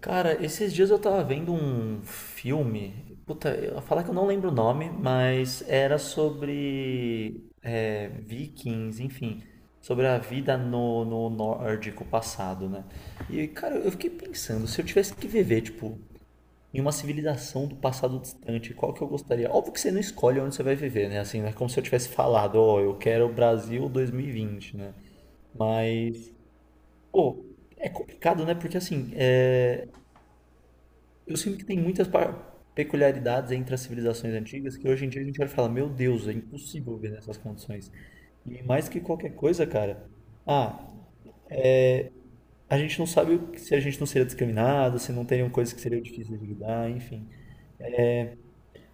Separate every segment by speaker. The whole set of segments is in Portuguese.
Speaker 1: Cara, esses dias eu tava vendo um filme. Puta, eu vou falar que eu não lembro o nome, mas era sobre vikings, enfim, sobre a vida no nórdico passado, né? E, cara, eu fiquei pensando, se eu tivesse que viver, tipo, em uma civilização do passado distante, qual que eu gostaria? Óbvio que você não escolhe onde você vai viver, né? Assim, não é como se eu tivesse falado, ó, eu quero o Brasil dois mil e vinte, né? Mas, pô, é complicado, né? Porque assim, eu sinto que tem muitas peculiaridades entre as civilizações antigas que hoje em dia a gente vai falar, meu Deus, é impossível viver nessas condições. E mais que qualquer coisa, cara, ah, a gente não sabe se a gente não seria discriminado, se não teriam coisas que seriam difíceis de lidar, enfim.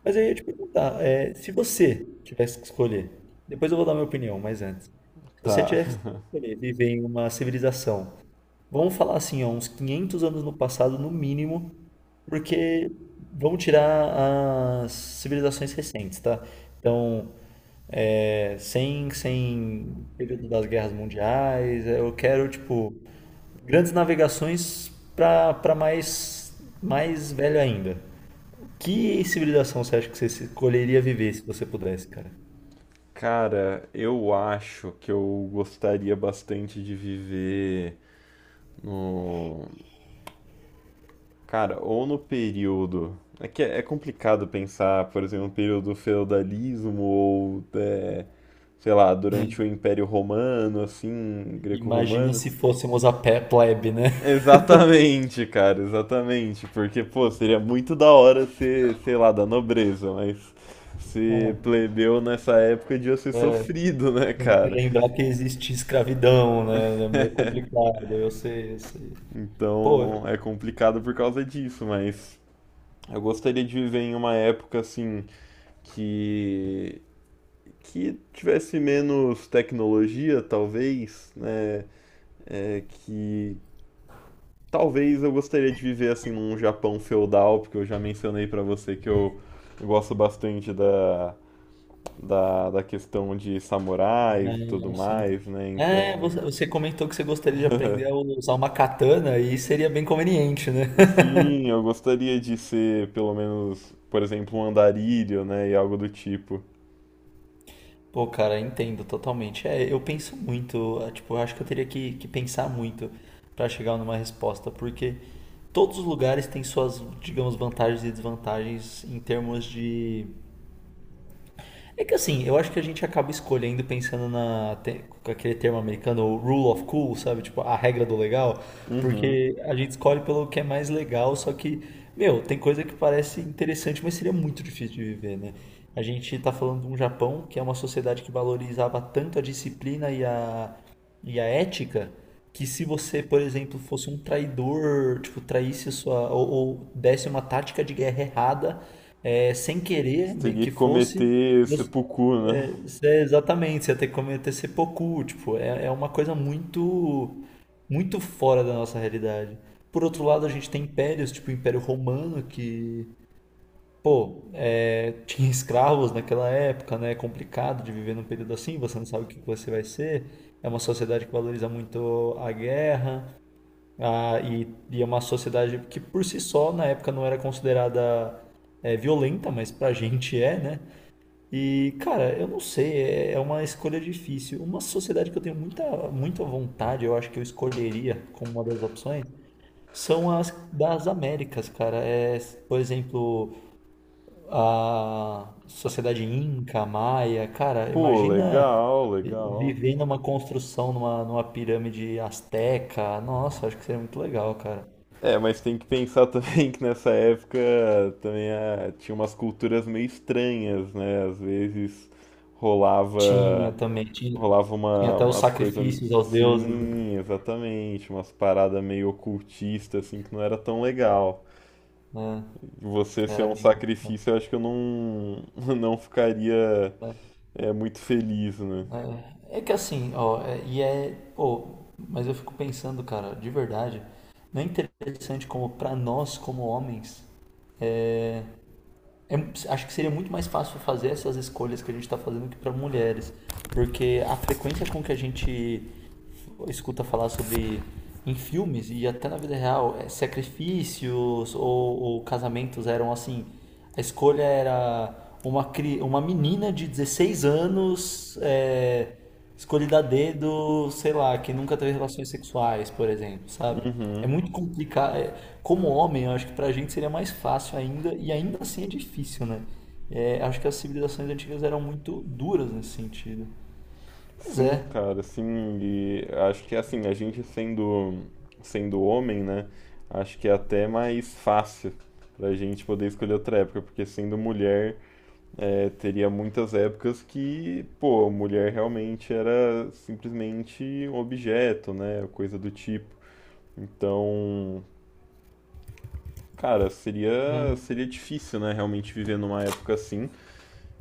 Speaker 1: Mas aí eu ia te perguntar, se você tivesse que escolher, depois eu vou dar minha opinião, mas antes, se você
Speaker 2: Tá.
Speaker 1: tivesse que escolher viver em uma civilização, vamos falar assim, ó, uns 500 anos no passado, no mínimo. Porque vamos tirar as civilizações recentes, tá? Então, sem período das guerras mundiais, eu quero, tipo, grandes navegações para mais, mais velho ainda. Que civilização você acha que você escolheria viver se você pudesse, cara?
Speaker 2: Cara, eu acho que eu gostaria bastante de viver no. Cara, ou no período. É que é complicado pensar, por exemplo, no período do feudalismo ou, é, sei lá,
Speaker 1: Né?
Speaker 2: durante o Império Romano, assim,
Speaker 1: Imagina
Speaker 2: greco-romano.
Speaker 1: se fôssemos a pé plebe, né?
Speaker 2: Exatamente, cara, exatamente. Porque, pô, seria muito da hora ser, sei lá, da nobreza, mas
Speaker 1: Ah,
Speaker 2: ser plebeu nessa época devia ser
Speaker 1: é,
Speaker 2: sofrido, né,
Speaker 1: tem que
Speaker 2: cara?
Speaker 1: lembrar que existe escravidão, né? É meio complicado, eu sei. Pô.
Speaker 2: Então é complicado por causa disso, mas eu gostaria de viver em uma época assim que que tivesse menos tecnologia, talvez, né? É, que talvez eu gostaria de viver assim num Japão feudal, porque eu já mencionei pra você que eu gosto bastante da, da questão de samurais e tudo
Speaker 1: Assim.
Speaker 2: mais, né?
Speaker 1: É,
Speaker 2: Então
Speaker 1: você comentou que você gostaria de aprender a usar uma katana e seria bem conveniente, né?
Speaker 2: sim, eu gostaria de ser pelo menos, por exemplo, um andarilho, né? E algo do tipo.
Speaker 1: Pô, cara, entendo totalmente. É, eu penso muito, é, tipo, eu acho que eu teria que pensar muito pra chegar numa resposta, porque todos os lugares têm suas, digamos, vantagens e desvantagens em termos de. É que assim, eu acho que a gente acaba escolhendo pensando com aquele termo americano, o rule of cool, sabe? Tipo, a regra do legal,
Speaker 2: Uhum.
Speaker 1: porque a gente escolhe pelo que é mais legal, só que, meu, tem coisa que parece interessante, mas seria muito difícil de viver, né? A gente tá falando de um Japão que é uma sociedade que valorizava tanto a disciplina e a ética, que se você, por exemplo, fosse um traidor, tipo, traísse a sua, ou desse uma tática de guerra errada, é, sem querer
Speaker 2: Você
Speaker 1: me-
Speaker 2: teria
Speaker 1: que
Speaker 2: que
Speaker 1: fosse,
Speaker 2: cometer seppuku, né?
Speaker 1: é, exatamente, você ia ter que cometer seppuku, tipo, é uma coisa muito muito fora da nossa realidade. Por outro lado, a gente tem impérios, tipo o Império Romano, que, pô, é, tinha escravos naquela época, né? É complicado de viver num período assim, você não sabe o que que você vai ser. É uma sociedade que valoriza muito a guerra, e é uma sociedade que, por si só, na época não era considerada violenta, mas pra gente é, né? E, cara, eu não sei, é uma escolha difícil. Uma sociedade que eu tenho muita, muita vontade, eu acho que eu escolheria como uma das opções, são as das Américas, cara. É, por exemplo, a sociedade Inca, Maia. Cara,
Speaker 2: Pô,
Speaker 1: imagina
Speaker 2: legal, legal.
Speaker 1: viver numa construção, numa pirâmide asteca. Nossa, acho que seria muito legal, cara.
Speaker 2: É, mas tem que pensar também que nessa época também tinha umas culturas meio estranhas, né? Às vezes
Speaker 1: Tinha
Speaker 2: rolava,
Speaker 1: também,
Speaker 2: rolava
Speaker 1: tinha
Speaker 2: uma,
Speaker 1: até os
Speaker 2: umas coisas.
Speaker 1: sacrifícios aos deuses,
Speaker 2: Sim, exatamente. Umas paradas meio ocultistas, assim, que não era tão legal.
Speaker 1: né?
Speaker 2: Você ser
Speaker 1: Era
Speaker 2: um
Speaker 1: bem.
Speaker 2: sacrifício, eu acho que eu não, não ficaria é, muito feliz, né?
Speaker 1: É é que assim, ó, é- e é, pô, mas eu fico pensando, cara, de verdade, não é interessante como pra nós, como homens, é- é, acho que seria muito mais fácil fazer essas escolhas que a gente tá fazendo que pra mulheres, porque a frequência com que a gente escuta falar sobre em filmes e até na vida real, sacrifícios ou casamentos eram assim, a escolha era uma menina de 16 anos, é, escolhida a dedo, sei lá, que nunca teve relações sexuais, por exemplo, sabe? É
Speaker 2: Uhum.
Speaker 1: muito complicado. Como homem, eu acho que pra gente seria mais fácil ainda, e ainda assim é difícil, né? É, acho que as civilizações antigas eram muito duras nesse sentido. Mas
Speaker 2: Sim,
Speaker 1: é,
Speaker 2: cara, sim. E acho que assim, a gente sendo homem, né? Acho que é até mais fácil pra gente poder escolher outra época, porque sendo mulher, é, teria muitas épocas que, pô, mulher realmente era simplesmente um objeto, né? Coisa do tipo. Então, cara,
Speaker 1: né?
Speaker 2: seria difícil, né, realmente viver numa época assim.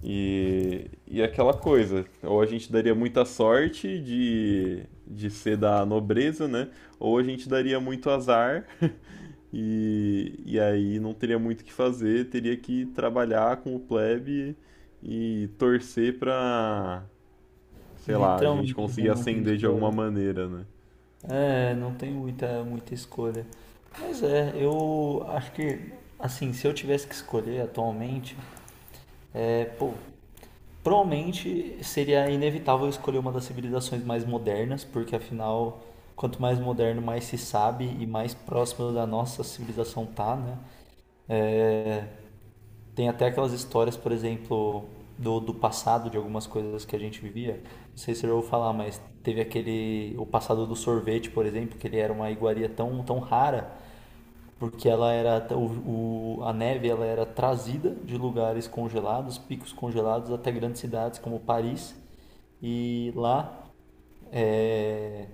Speaker 2: E aquela coisa, ou a gente daria muita sorte de ser da nobreza, né? Ou a gente daria muito azar e aí não teria muito o que fazer, teria que trabalhar com o plebe e torcer pra, sei lá, a gente
Speaker 1: Literalmente, né?
Speaker 2: conseguir
Speaker 1: Não tem
Speaker 2: ascender de
Speaker 1: escolha.
Speaker 2: alguma maneira, né?
Speaker 1: É, não tem muita, muita escolha. Mas é, eu acho que, assim, se eu tivesse que escolher atualmente, é, pô, provavelmente seria inevitável escolher uma das civilizações mais modernas, porque afinal, quanto mais moderno, mais se sabe e mais próximo da nossa civilização tá, né? É, tem até aquelas histórias, por exemplo, do passado, de algumas coisas que a gente vivia. Não sei se você já ouviu falar, mas teve aquele. O passado do sorvete, por exemplo, que ele era uma iguaria tão, tão rara porque ela era a neve, ela era trazida de lugares congelados, picos congelados até grandes cidades como Paris, e lá, é,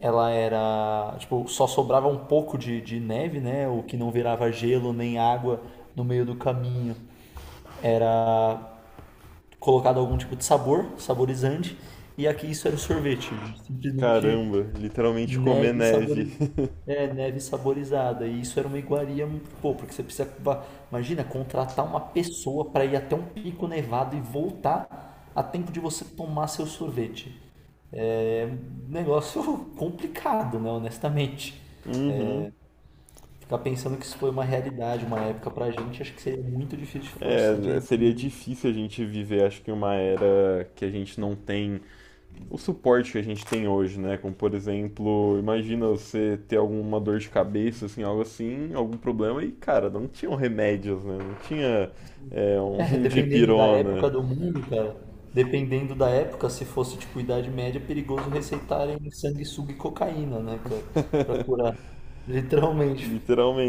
Speaker 1: ela era tipo só sobrava um pouco de neve, né? O que não virava gelo nem água no meio do caminho era colocado algum tipo de sabor, saborizante, e aqui isso era o sorvete, simplesmente
Speaker 2: Caramba, literalmente comer
Speaker 1: neve sabor.
Speaker 2: neve.
Speaker 1: É, neve saborizada. E isso era uma iguaria, pô, porque você precisa, imagina, contratar uma pessoa para ir até um pico nevado e voltar a tempo de você tomar seu sorvete. Negócio complicado, né, honestamente.
Speaker 2: Uhum.
Speaker 1: Ficar pensando que isso foi uma realidade, uma época pra gente, acho que seria muito difícil de força
Speaker 2: É, seria
Speaker 1: de.
Speaker 2: difícil a gente viver, acho que uma era que a gente não tem o suporte que a gente tem hoje, né? Como, por exemplo, imagina você ter alguma dor de cabeça, assim, algo assim, algum problema, e, cara, não tinham remédios, né? Não tinha, é, um
Speaker 1: É, dependendo da época
Speaker 2: dipirona,
Speaker 1: do mundo, cara. Dependendo da época, se fosse tipo Idade Média, é perigoso receitarem sanguessuga e cocaína, né, cara? Pra curar. Literalmente.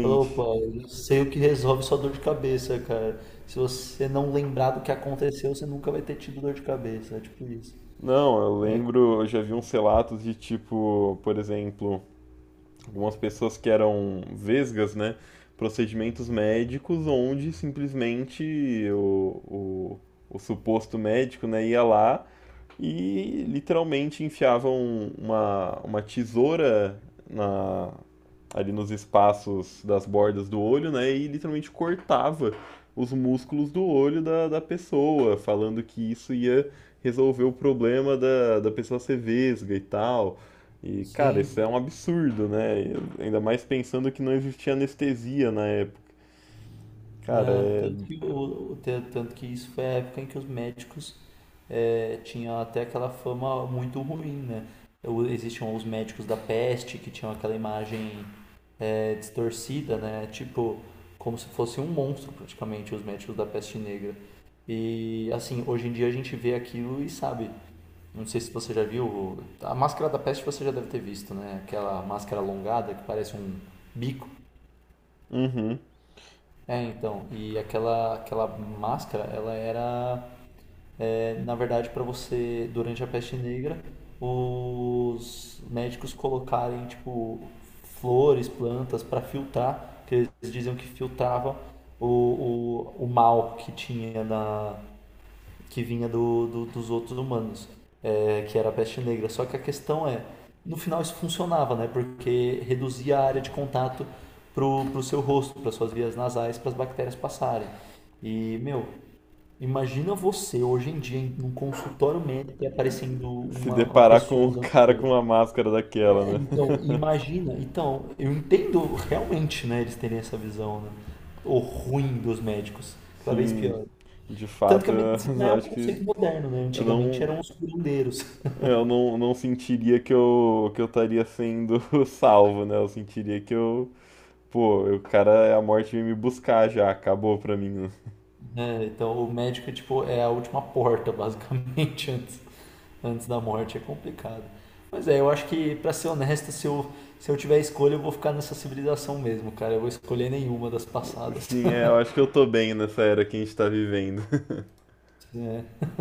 Speaker 1: Falou, opa, eu sei o que resolve sua dor de cabeça, cara. Se você não lembrar do que aconteceu, você nunca vai ter tido dor de cabeça. É tipo isso.
Speaker 2: Não, eu
Speaker 1: É,
Speaker 2: lembro, eu já vi uns relatos de tipo, por exemplo, algumas pessoas que eram vesgas, né? Procedimentos médicos onde simplesmente o suposto médico, né, ia lá e literalmente enfiavam uma tesoura na, ali nos espaços das bordas do olho, né? E literalmente cortava os músculos do olho da, da pessoa, falando que isso ia resolver o problema da, da pessoa ser vesga e tal. E, cara, isso é
Speaker 1: sim.
Speaker 2: um absurdo, né? Ainda mais pensando que não existia anestesia na época. Cara,
Speaker 1: Ah,
Speaker 2: é.
Speaker 1: tanto que, tanto que isso foi a época em que os médicos tinham até aquela fama muito ruim, né? Existiam os médicos da peste que tinham aquela imagem distorcida, né? Tipo, como se fosse um monstro praticamente, os médicos da peste negra. E assim, hoje em dia a gente vê aquilo e sabe. Não sei se você já viu, a máscara da peste você já deve ter visto, né? Aquela máscara alongada que parece um bico.
Speaker 2: Uhum.
Speaker 1: É, então, aquela máscara, ela era, é, na verdade, para você, durante a peste negra, os médicos colocarem, tipo, flores, plantas para filtrar, que eles diziam que filtravam o mal que tinha na, que vinha dos outros humanos, é, que era a peste negra. Só que a questão é, no final isso funcionava, né? Porque reduzia a área de contato pro seu rosto, para suas vias nasais, para as bactérias passarem. E, meu, imagina você hoje em dia num consultório médico e
Speaker 2: E
Speaker 1: aparecendo
Speaker 2: se
Speaker 1: uma
Speaker 2: deparar com
Speaker 1: pessoa
Speaker 2: o
Speaker 1: usando
Speaker 2: cara
Speaker 1: gel.
Speaker 2: com uma máscara
Speaker 1: É,
Speaker 2: daquela, né?
Speaker 1: então, imagina. Então, eu entendo realmente, né, eles terem essa visão, né? O ruim dos médicos, cada vez
Speaker 2: Sim,
Speaker 1: pior.
Speaker 2: de
Speaker 1: Tanto que
Speaker 2: fato,
Speaker 1: a medicina
Speaker 2: eu
Speaker 1: é um
Speaker 2: acho que
Speaker 1: conceito moderno, né?
Speaker 2: eu
Speaker 1: Antigamente
Speaker 2: não,
Speaker 1: eram os curandeiros,
Speaker 2: eu não, não sentiria que eu estaria sendo salvo, né? Eu sentiria que eu, pô, o cara, a morte veio me buscar já, acabou pra mim. Né?
Speaker 1: né? Então o médico é, tipo, é a última porta, basicamente, antes, antes da morte. É complicado. Mas é, eu acho que, pra ser honesto, se eu tiver escolha, eu vou ficar nessa civilização mesmo, cara. Eu vou escolher nenhuma das passadas.
Speaker 2: Sim, é, eu acho que eu tô bem nessa era que a gente tá vivendo.
Speaker 1: É.